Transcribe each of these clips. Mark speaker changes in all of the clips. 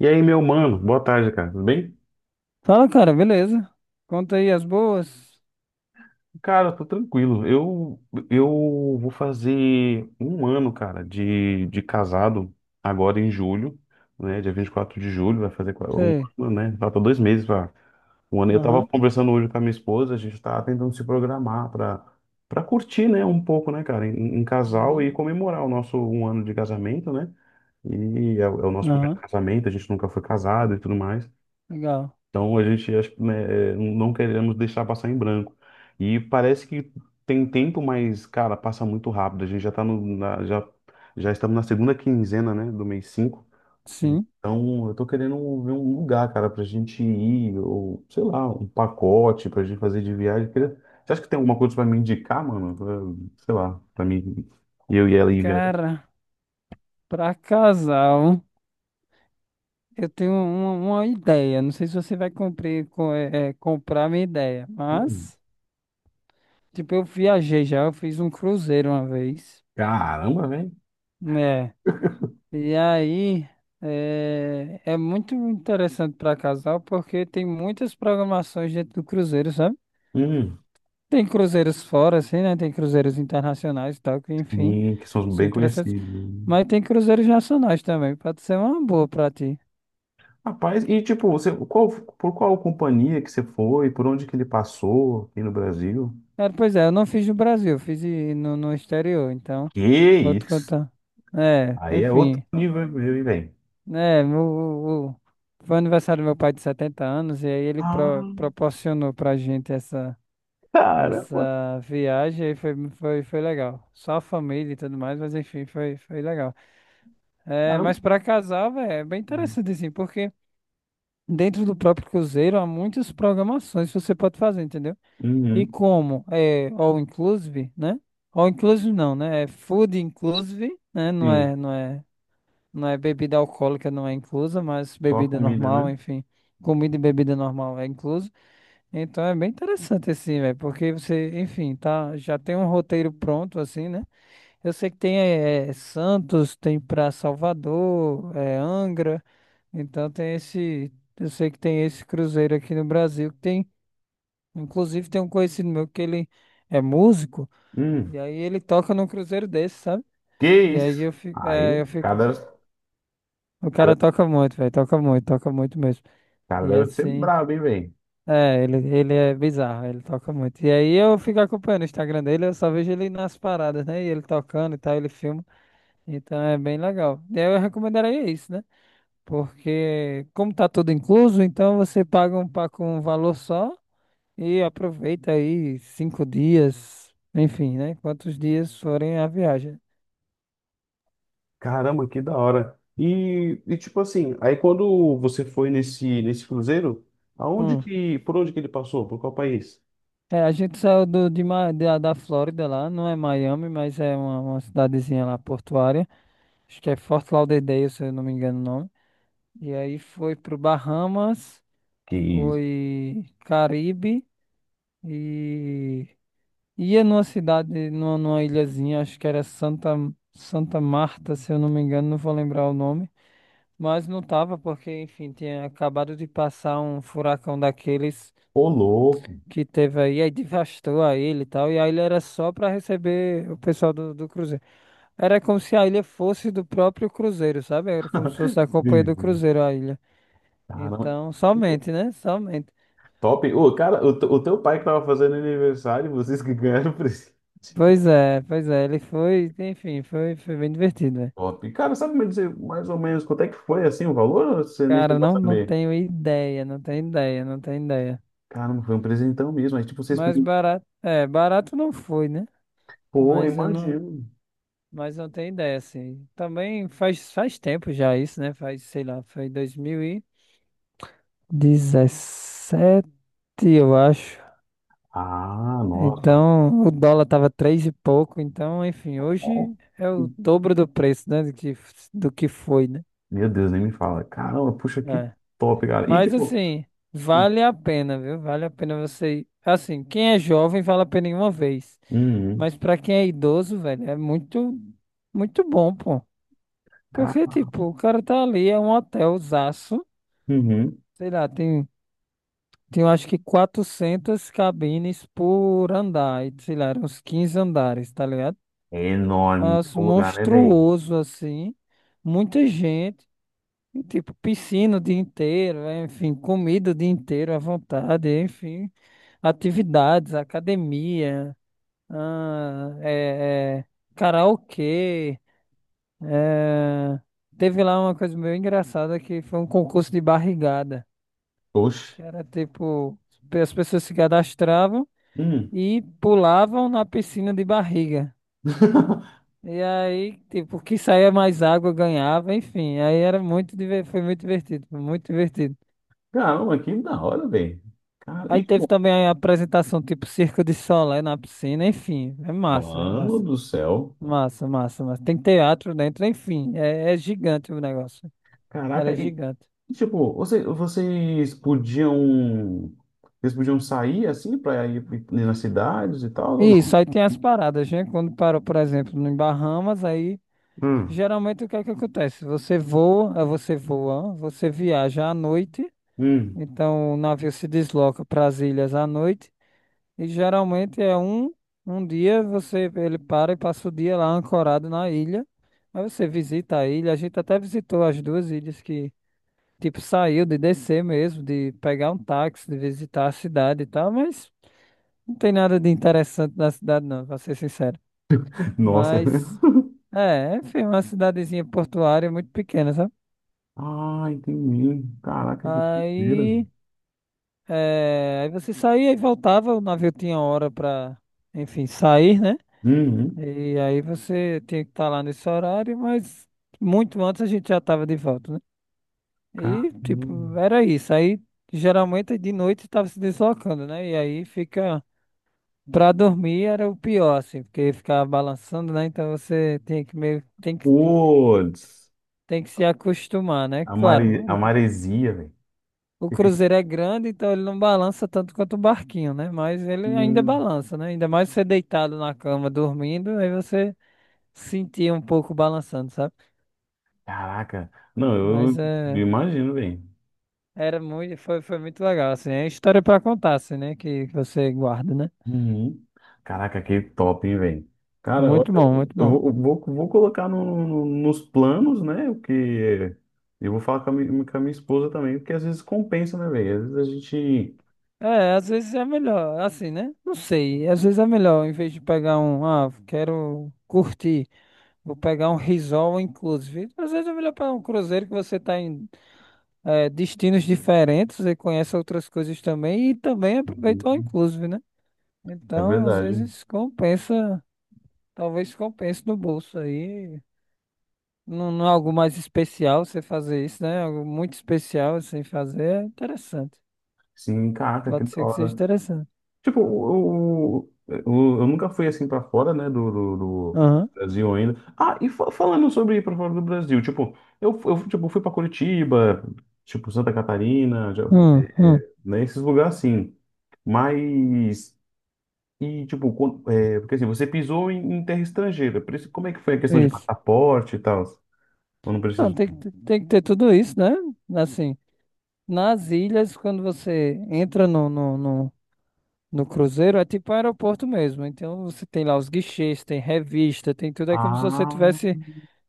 Speaker 1: E aí, meu mano, boa tarde, cara. Tudo bem?
Speaker 2: Fala, cara, beleza. Conta aí as boas.
Speaker 1: Cara, eu tô tranquilo. Eu vou fazer um ano, cara, de casado agora em julho, né? Dia 24 de julho, vai fazer um
Speaker 2: Sei.
Speaker 1: ano, né? Falta dois meses para um ano. Eu tava
Speaker 2: Aham,
Speaker 1: conversando hoje com a minha esposa, a gente tava tentando se programar para curtir, né, um pouco, né, cara, em casal
Speaker 2: uhum,
Speaker 1: e comemorar o nosso um ano de casamento, né? É o nosso primeiro
Speaker 2: aham,
Speaker 1: casamento, a gente nunca foi casado e tudo mais.
Speaker 2: legal.
Speaker 1: Então a gente acho que, né, é, não queremos deixar passar em branco. E parece que tem tempo, mas, cara, passa muito rápido. A gente já tá no, na- já, já estamos na segunda quinzena, né, do mês 5.
Speaker 2: Sim.
Speaker 1: Então eu tô querendo ver um lugar, cara, pra gente ir, ou sei lá, um pacote pra gente fazer de viagem. Você acha que tem alguma coisa pra me indicar, mano? Sei lá, pra mim, eu e ela ir viajar.
Speaker 2: Cara, pra casal, eu tenho uma ideia. Não sei se você vai cumprir, com, comprar minha ideia,
Speaker 1: Hum,
Speaker 2: mas, tipo, eu viajei já, eu fiz um cruzeiro uma vez,
Speaker 1: caramba, velho.
Speaker 2: né? E aí, é muito interessante pra casal porque tem muitas programações dentro do cruzeiro, sabe?
Speaker 1: Hum,
Speaker 2: Tem cruzeiros fora, assim, né? Tem cruzeiros internacionais e tal, que enfim,
Speaker 1: sim, que são
Speaker 2: são
Speaker 1: bem
Speaker 2: interessantes.
Speaker 1: conhecidos, né?
Speaker 2: Mas tem cruzeiros nacionais também, pode ser uma boa pra ti.
Speaker 1: Rapaz, e tipo, por qual companhia que você foi? Por onde que ele passou aqui no Brasil?
Speaker 2: É, pois é, eu não fiz no Brasil, eu fiz no, exterior, então
Speaker 1: Que
Speaker 2: vou te
Speaker 1: isso?
Speaker 2: contar. É,
Speaker 1: Aí é outro
Speaker 2: enfim,
Speaker 1: nível, meu, e vem.
Speaker 2: né? Foi o aniversário do meu pai de 70 anos e aí ele
Speaker 1: Ah,
Speaker 2: proporcionou pra gente essa,
Speaker 1: caramba,
Speaker 2: essa viagem e foi, foi legal. Só a família e tudo mais, mas enfim, foi, foi legal. É,
Speaker 1: caramba.
Speaker 2: mas para casal, velho, é bem interessante assim, porque dentro do próprio cruzeiro há muitas programações que você pode fazer, entendeu? E
Speaker 1: Uhum,
Speaker 2: como é all inclusive, né? All inclusive não, né? É food inclusive, né?
Speaker 1: sim,
Speaker 2: Não é, não é bebida alcoólica, não é inclusa, mas
Speaker 1: só a
Speaker 2: bebida
Speaker 1: comida,
Speaker 2: normal,
Speaker 1: né?
Speaker 2: enfim, comida e bebida normal é incluso. Então é bem interessante assim, velho, porque você, enfim, tá, já tem um roteiro pronto assim, né? Eu sei que tem Santos, tem pra Salvador, eh, Angra, então tem esse, eu sei que tem esse cruzeiro aqui no Brasil que tem, inclusive tem um conhecido meu que ele é músico
Speaker 1: Hum,
Speaker 2: e aí ele toca num cruzeiro desse, sabe?
Speaker 1: que
Speaker 2: E aí
Speaker 1: isso? Aí,
Speaker 2: eu fico, o
Speaker 1: cada
Speaker 2: cara
Speaker 1: cara,
Speaker 2: toca muito, velho, toca muito mesmo.
Speaker 1: cara
Speaker 2: E
Speaker 1: deve ser
Speaker 2: assim,
Speaker 1: brabo, hein, velho?
Speaker 2: é, ele é bizarro, ele toca muito. E aí eu fico acompanhando o Instagram dele, eu só vejo ele nas paradas, né? E ele tocando e tal, ele filma. Então é bem legal. Eu recomendaria isso, né? Porque como tá tudo incluso, então você paga um pacote com um valor só e aproveita aí 5 dias, enfim, né? Quantos dias forem a viagem.
Speaker 1: Caramba, que da hora. E tipo assim, aí quando você foi nesse cruzeiro,
Speaker 2: Hum.
Speaker 1: por onde que ele passou? Por qual país?
Speaker 2: É, a gente saiu do, de, Ma- da, da Flórida lá, não é Miami, mas é uma cidadezinha lá portuária. Acho que é Fort Lauderdale, se eu não me engano o nome. E aí foi pro Bahamas,
Speaker 1: Que isso?
Speaker 2: foi Caribe e ia numa cidade, numa ilhazinha, acho que era Santa Marta, se eu não me engano, não vou lembrar o nome. Mas não tava, porque, enfim, tinha acabado de passar um furacão daqueles
Speaker 1: Ô, louco.
Speaker 2: que teve aí, aí devastou a ilha e tal, e a ilha era só para receber o pessoal do cruzeiro. Era como se a ilha fosse do próprio cruzeiro, sabe? Era como se fosse da companhia do
Speaker 1: Entendi.
Speaker 2: cruzeiro a ilha.
Speaker 1: Caramba.
Speaker 2: Então, somente, né? Somente.
Speaker 1: Top. Ô, cara, o teu pai que tava fazendo aniversário, vocês que ganharam o presente.
Speaker 2: Pois é, ele foi, enfim, foi, foi bem divertido, né?
Speaker 1: Top. Cara, sabe me dizer mais ou menos quanto é que foi assim o valor? Ou você nem
Speaker 2: Cara,
Speaker 1: chegou a
Speaker 2: não, não
Speaker 1: saber.
Speaker 2: tenho ideia, não tenho ideia, não tenho ideia.
Speaker 1: Caramba, foi um presentão mesmo. Aí, tipo, vocês
Speaker 2: Mas
Speaker 1: podiam.
Speaker 2: barato, é, barato não foi, né?
Speaker 1: Pô,
Speaker 2: Mas eu não,
Speaker 1: imagino.
Speaker 2: mas não tenho ideia, assim. Também faz, faz tempo já isso, né? Faz, sei lá, foi 2017, eu acho.
Speaker 1: Ah, nossa.
Speaker 2: Então, o dólar tava três e pouco, então, enfim, hoje é o dobro do preço, né? Do que foi, né?
Speaker 1: Meu Deus, nem me fala. Caramba, puxa, que
Speaker 2: É.
Speaker 1: top, cara. E,
Speaker 2: Mas
Speaker 1: tipo.
Speaker 2: assim, vale a pena, viu? Vale a pena você ir. Assim, quem é jovem, vale a pena em uma vez.
Speaker 1: Uhum.
Speaker 2: Mas pra quem é idoso, velho, é muito, muito bom, pô.
Speaker 1: Cara,
Speaker 2: Porque, tipo, o cara tá ali, é um hotelzaço,
Speaker 1: uhum.
Speaker 2: sei lá, tem, tem eu acho que 400 cabines por andar, e, sei lá, eram uns 15 andares, tá ligado?
Speaker 1: É enorme
Speaker 2: As
Speaker 1: o lugar, né, velho?
Speaker 2: monstruoso, assim, muita gente, e, tipo, piscina o dia inteiro, é, enfim, comida o dia inteiro à vontade, enfim, atividades, academia, ah, é, karaokê. É, teve lá uma coisa meio engraçada que foi um concurso de barrigada,
Speaker 1: Oxe.
Speaker 2: que era tipo, as pessoas se cadastravam
Speaker 1: Hum.
Speaker 2: e pulavam na piscina de barriga. E aí, tipo, que saía mais água ganhava, enfim. Aí era foi muito divertido, foi muito divertido.
Speaker 1: Caramba, que da hora, velho. Cara,
Speaker 2: Aí
Speaker 1: e,
Speaker 2: teve
Speaker 1: tipo,
Speaker 2: também a apresentação tipo Circo de Solé na piscina, enfim, é massa,
Speaker 1: mano do céu.
Speaker 2: massa, massa. Tem teatro dentro, enfim, é gigante o negócio.
Speaker 1: Caraca,
Speaker 2: Era gigante.
Speaker 1: tipo, vocês podiam. Vocês podiam sair assim pra ir ir nas cidades e tal, ou
Speaker 2: Isso,
Speaker 1: não?
Speaker 2: aí tem as paradas, né? Quando parou, por exemplo, em Bahamas, aí
Speaker 1: Hum.
Speaker 2: geralmente o que é que acontece? Você voa, você viaja à noite,
Speaker 1: Hum.
Speaker 2: então o navio se desloca para as ilhas à noite, e geralmente é um, um dia você ele para e passa o dia lá ancorado na ilha. Aí você visita a ilha, a gente até visitou as duas ilhas que, tipo, saiu de descer mesmo, de pegar um táxi, de visitar a cidade e tal, mas não tem nada de interessante na cidade, não, pra ser sincero.
Speaker 1: Nossa.
Speaker 2: Mas, é, enfim, uma cidadezinha portuária muito pequena, sabe?
Speaker 1: Ah, entendi. Caraca, que doideira.
Speaker 2: Aí, é, aí você saía e voltava, o navio tinha hora pra, enfim, sair, né?
Speaker 1: Uhum.
Speaker 2: E aí você tinha que estar lá nesse horário, mas muito antes a gente já estava de volta, né?
Speaker 1: Caramba.
Speaker 2: E, tipo, era isso. Aí, geralmente, de noite estava se deslocando, né? E aí fica, pra dormir era o pior, assim, porque ficava balançando, né? Então você tem que meio,
Speaker 1: Putz.
Speaker 2: tem que se acostumar, né?
Speaker 1: A
Speaker 2: Claro.
Speaker 1: maresia, velho.
Speaker 2: O cruzeiro é grande, então ele não balança tanto quanto o barquinho, né? Mas ele ainda
Speaker 1: Hum.
Speaker 2: balança, né? Ainda mais você deitado na cama dormindo, aí você sentia um pouco balançando, sabe?
Speaker 1: Caraca. Não,
Speaker 2: Mas
Speaker 1: eu
Speaker 2: é,
Speaker 1: imagino, velho.
Speaker 2: era muito, foi, foi muito legal, assim. É história pra contar, assim, né? Que você guarda, né?
Speaker 1: Uhum. Caraca, que top, hein, velho? Cara, eu
Speaker 2: Muito bom, muito
Speaker 1: eu
Speaker 2: bom.
Speaker 1: vou, eu vou vou colocar nos planos, né? O que eu vou falar com com a minha esposa também, porque às vezes compensa, né, velho? Às vezes a gente.
Speaker 2: É, às vezes é melhor, assim, né? Não sei, às vezes é melhor, em vez de pegar um, ah, quero curtir, vou pegar um resort inclusive. Às vezes é melhor pegar um cruzeiro que você tá em é, destinos diferentes e conhece outras coisas também e também aproveita o all
Speaker 1: Uhum.
Speaker 2: inclusive, né?
Speaker 1: É
Speaker 2: Então, às
Speaker 1: verdade.
Speaker 2: vezes compensa, talvez compense no bolso aí. Não, não é algo mais especial você fazer isso, né? É algo muito especial assim fazer é interessante.
Speaker 1: Sim, caraca, que
Speaker 2: Pode
Speaker 1: da
Speaker 2: ser que seja
Speaker 1: hora.
Speaker 2: interessante.
Speaker 1: Tipo, eu nunca fui assim pra fora, né, do
Speaker 2: Aham.
Speaker 1: Brasil ainda. Ah, e falando sobre ir pra fora do Brasil, tipo, eu tipo, fui pra Curitiba, tipo, Santa Catarina, já,
Speaker 2: Hum, hum,
Speaker 1: né, esses lugares assim. Mas, e tipo, é, porque assim, você pisou em terra estrangeira, por isso, como é que foi a questão de
Speaker 2: isso.
Speaker 1: passaporte e tal? Eu não
Speaker 2: Não,
Speaker 1: preciso.
Speaker 2: tem que ter tudo isso, né? Assim, nas ilhas, quando você entra no no cruzeiro é tipo aeroporto mesmo. Então você tem lá os guichês, tem revista, tem tudo. É como se você
Speaker 1: Ah,
Speaker 2: tivesse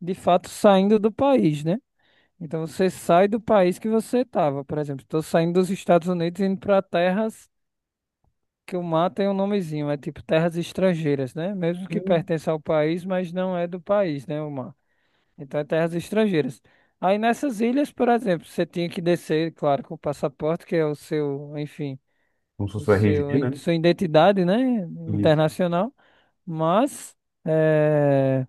Speaker 2: de fato saindo do país, né? Então você sai do país que você estava. Por exemplo, estou saindo dos Estados Unidos e indo para terras que o mar tem um nomezinho. É tipo terras estrangeiras, né? Mesmo que
Speaker 1: sim.
Speaker 2: pertence ao país, mas não é do país, né? O mar. Então é terras estrangeiras. Aí nessas ilhas, por exemplo, você tinha que descer, claro, com o passaporte, que é o seu, enfim,
Speaker 1: Como se
Speaker 2: o
Speaker 1: fosse o
Speaker 2: seu,
Speaker 1: RG, né?
Speaker 2: sua identidade, né?
Speaker 1: Isso.
Speaker 2: Internacional. Mas eh,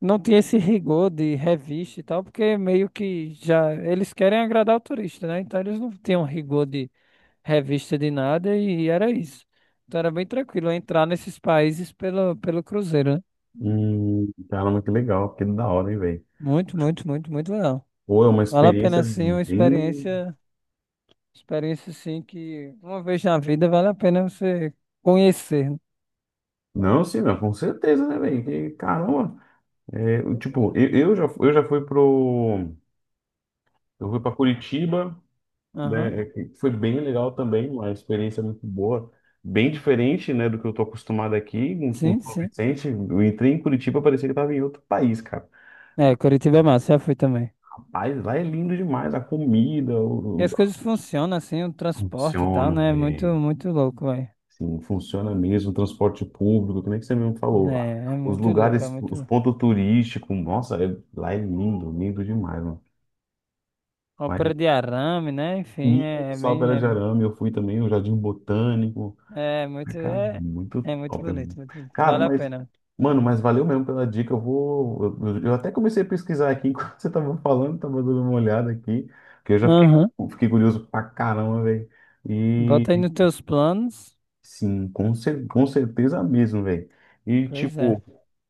Speaker 2: não tinha esse rigor de revista e tal, porque meio que já eles querem agradar o turista, né? Então eles não tinham rigor de revista de nada e era isso. Então era bem tranquilo entrar nesses países pelo cruzeiro, né?
Speaker 1: Caramba, que legal, que da hora, hein, velho.
Speaker 2: Muito, muito, muito, muito legal.
Speaker 1: Pô, é uma
Speaker 2: Vale a
Speaker 1: experiência
Speaker 2: pena sim, uma
Speaker 1: bem.
Speaker 2: experiência, experiência sim que uma vez na vida vale a pena você conhecer, né?
Speaker 1: Não, sim, não, com certeza, né, velho? Que caramba! É, tipo,
Speaker 2: Loucura.
Speaker 1: eu já fui pro. Eu fui pra Curitiba,
Speaker 2: Aham,
Speaker 1: né? É que foi bem legal também, uma experiência muito boa. Bem diferente, né, do que eu tô acostumado aqui, com
Speaker 2: sim,
Speaker 1: com São
Speaker 2: sim.
Speaker 1: Vicente. Eu entrei em Curitiba, parecia que eu tava em outro país, cara.
Speaker 2: É, Curitiba é massa, já fui também.
Speaker 1: Mas lá é lindo demais, a comida,
Speaker 2: E as coisas funcionam assim, o transporte e tal,
Speaker 1: funciona,
Speaker 2: né? É muito,
Speaker 1: velho.
Speaker 2: muito louco, velho.
Speaker 1: Sim, funciona mesmo, transporte público, que nem que você mesmo falou. Ah,
Speaker 2: Né? É
Speaker 1: os
Speaker 2: muito louco, é
Speaker 1: lugares,
Speaker 2: muito
Speaker 1: os
Speaker 2: louco.
Speaker 1: pontos turísticos, nossa, lá é lindo, lindo demais, mano. Mas
Speaker 2: Ópera de arame, né? Enfim,
Speaker 1: e
Speaker 2: é
Speaker 1: Sóbera de
Speaker 2: bem.
Speaker 1: Arame, eu fui também, o Jardim Botânico.
Speaker 2: É, é
Speaker 1: Ah,
Speaker 2: muito.
Speaker 1: cara,
Speaker 2: É,
Speaker 1: muito
Speaker 2: é muito
Speaker 1: top,
Speaker 2: bonito,
Speaker 1: mano.
Speaker 2: muito, bonito,
Speaker 1: Cara,
Speaker 2: vale a
Speaker 1: mas,
Speaker 2: pena.
Speaker 1: mano, mas valeu mesmo pela dica. Eu vou. Eu até comecei a pesquisar aqui enquanto você tava falando, tava dando uma olhada aqui, que eu já fiquei,
Speaker 2: Aham.
Speaker 1: fiquei curioso pra caramba, velho.
Speaker 2: Bota aí nos teus planos.
Speaker 1: Sim, com certeza mesmo, velho. E
Speaker 2: Pois é.
Speaker 1: tipo,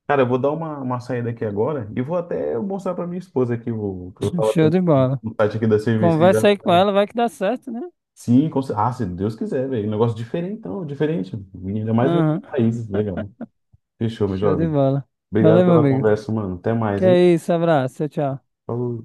Speaker 1: cara, eu vou dar uma saída aqui agora e vou até mostrar pra minha esposa aqui o que eu tava
Speaker 2: Show
Speaker 1: tendo
Speaker 2: de bola.
Speaker 1: no site aqui da CVC já.
Speaker 2: Conversa aí com ela, vai que dá certo, né?
Speaker 1: Sim, ah, se Deus quiser, velho. Um negócio diferentão, diferente. Ainda mais em outros
Speaker 2: Aham.
Speaker 1: países, legal. Fechou, meu
Speaker 2: Show de
Speaker 1: jovem.
Speaker 2: bola.
Speaker 1: Obrigado
Speaker 2: Valeu, meu
Speaker 1: pela
Speaker 2: amigo.
Speaker 1: conversa, mano. Até mais,
Speaker 2: Que
Speaker 1: hein?
Speaker 2: é isso, abraço, tchau, tchau.
Speaker 1: Falou.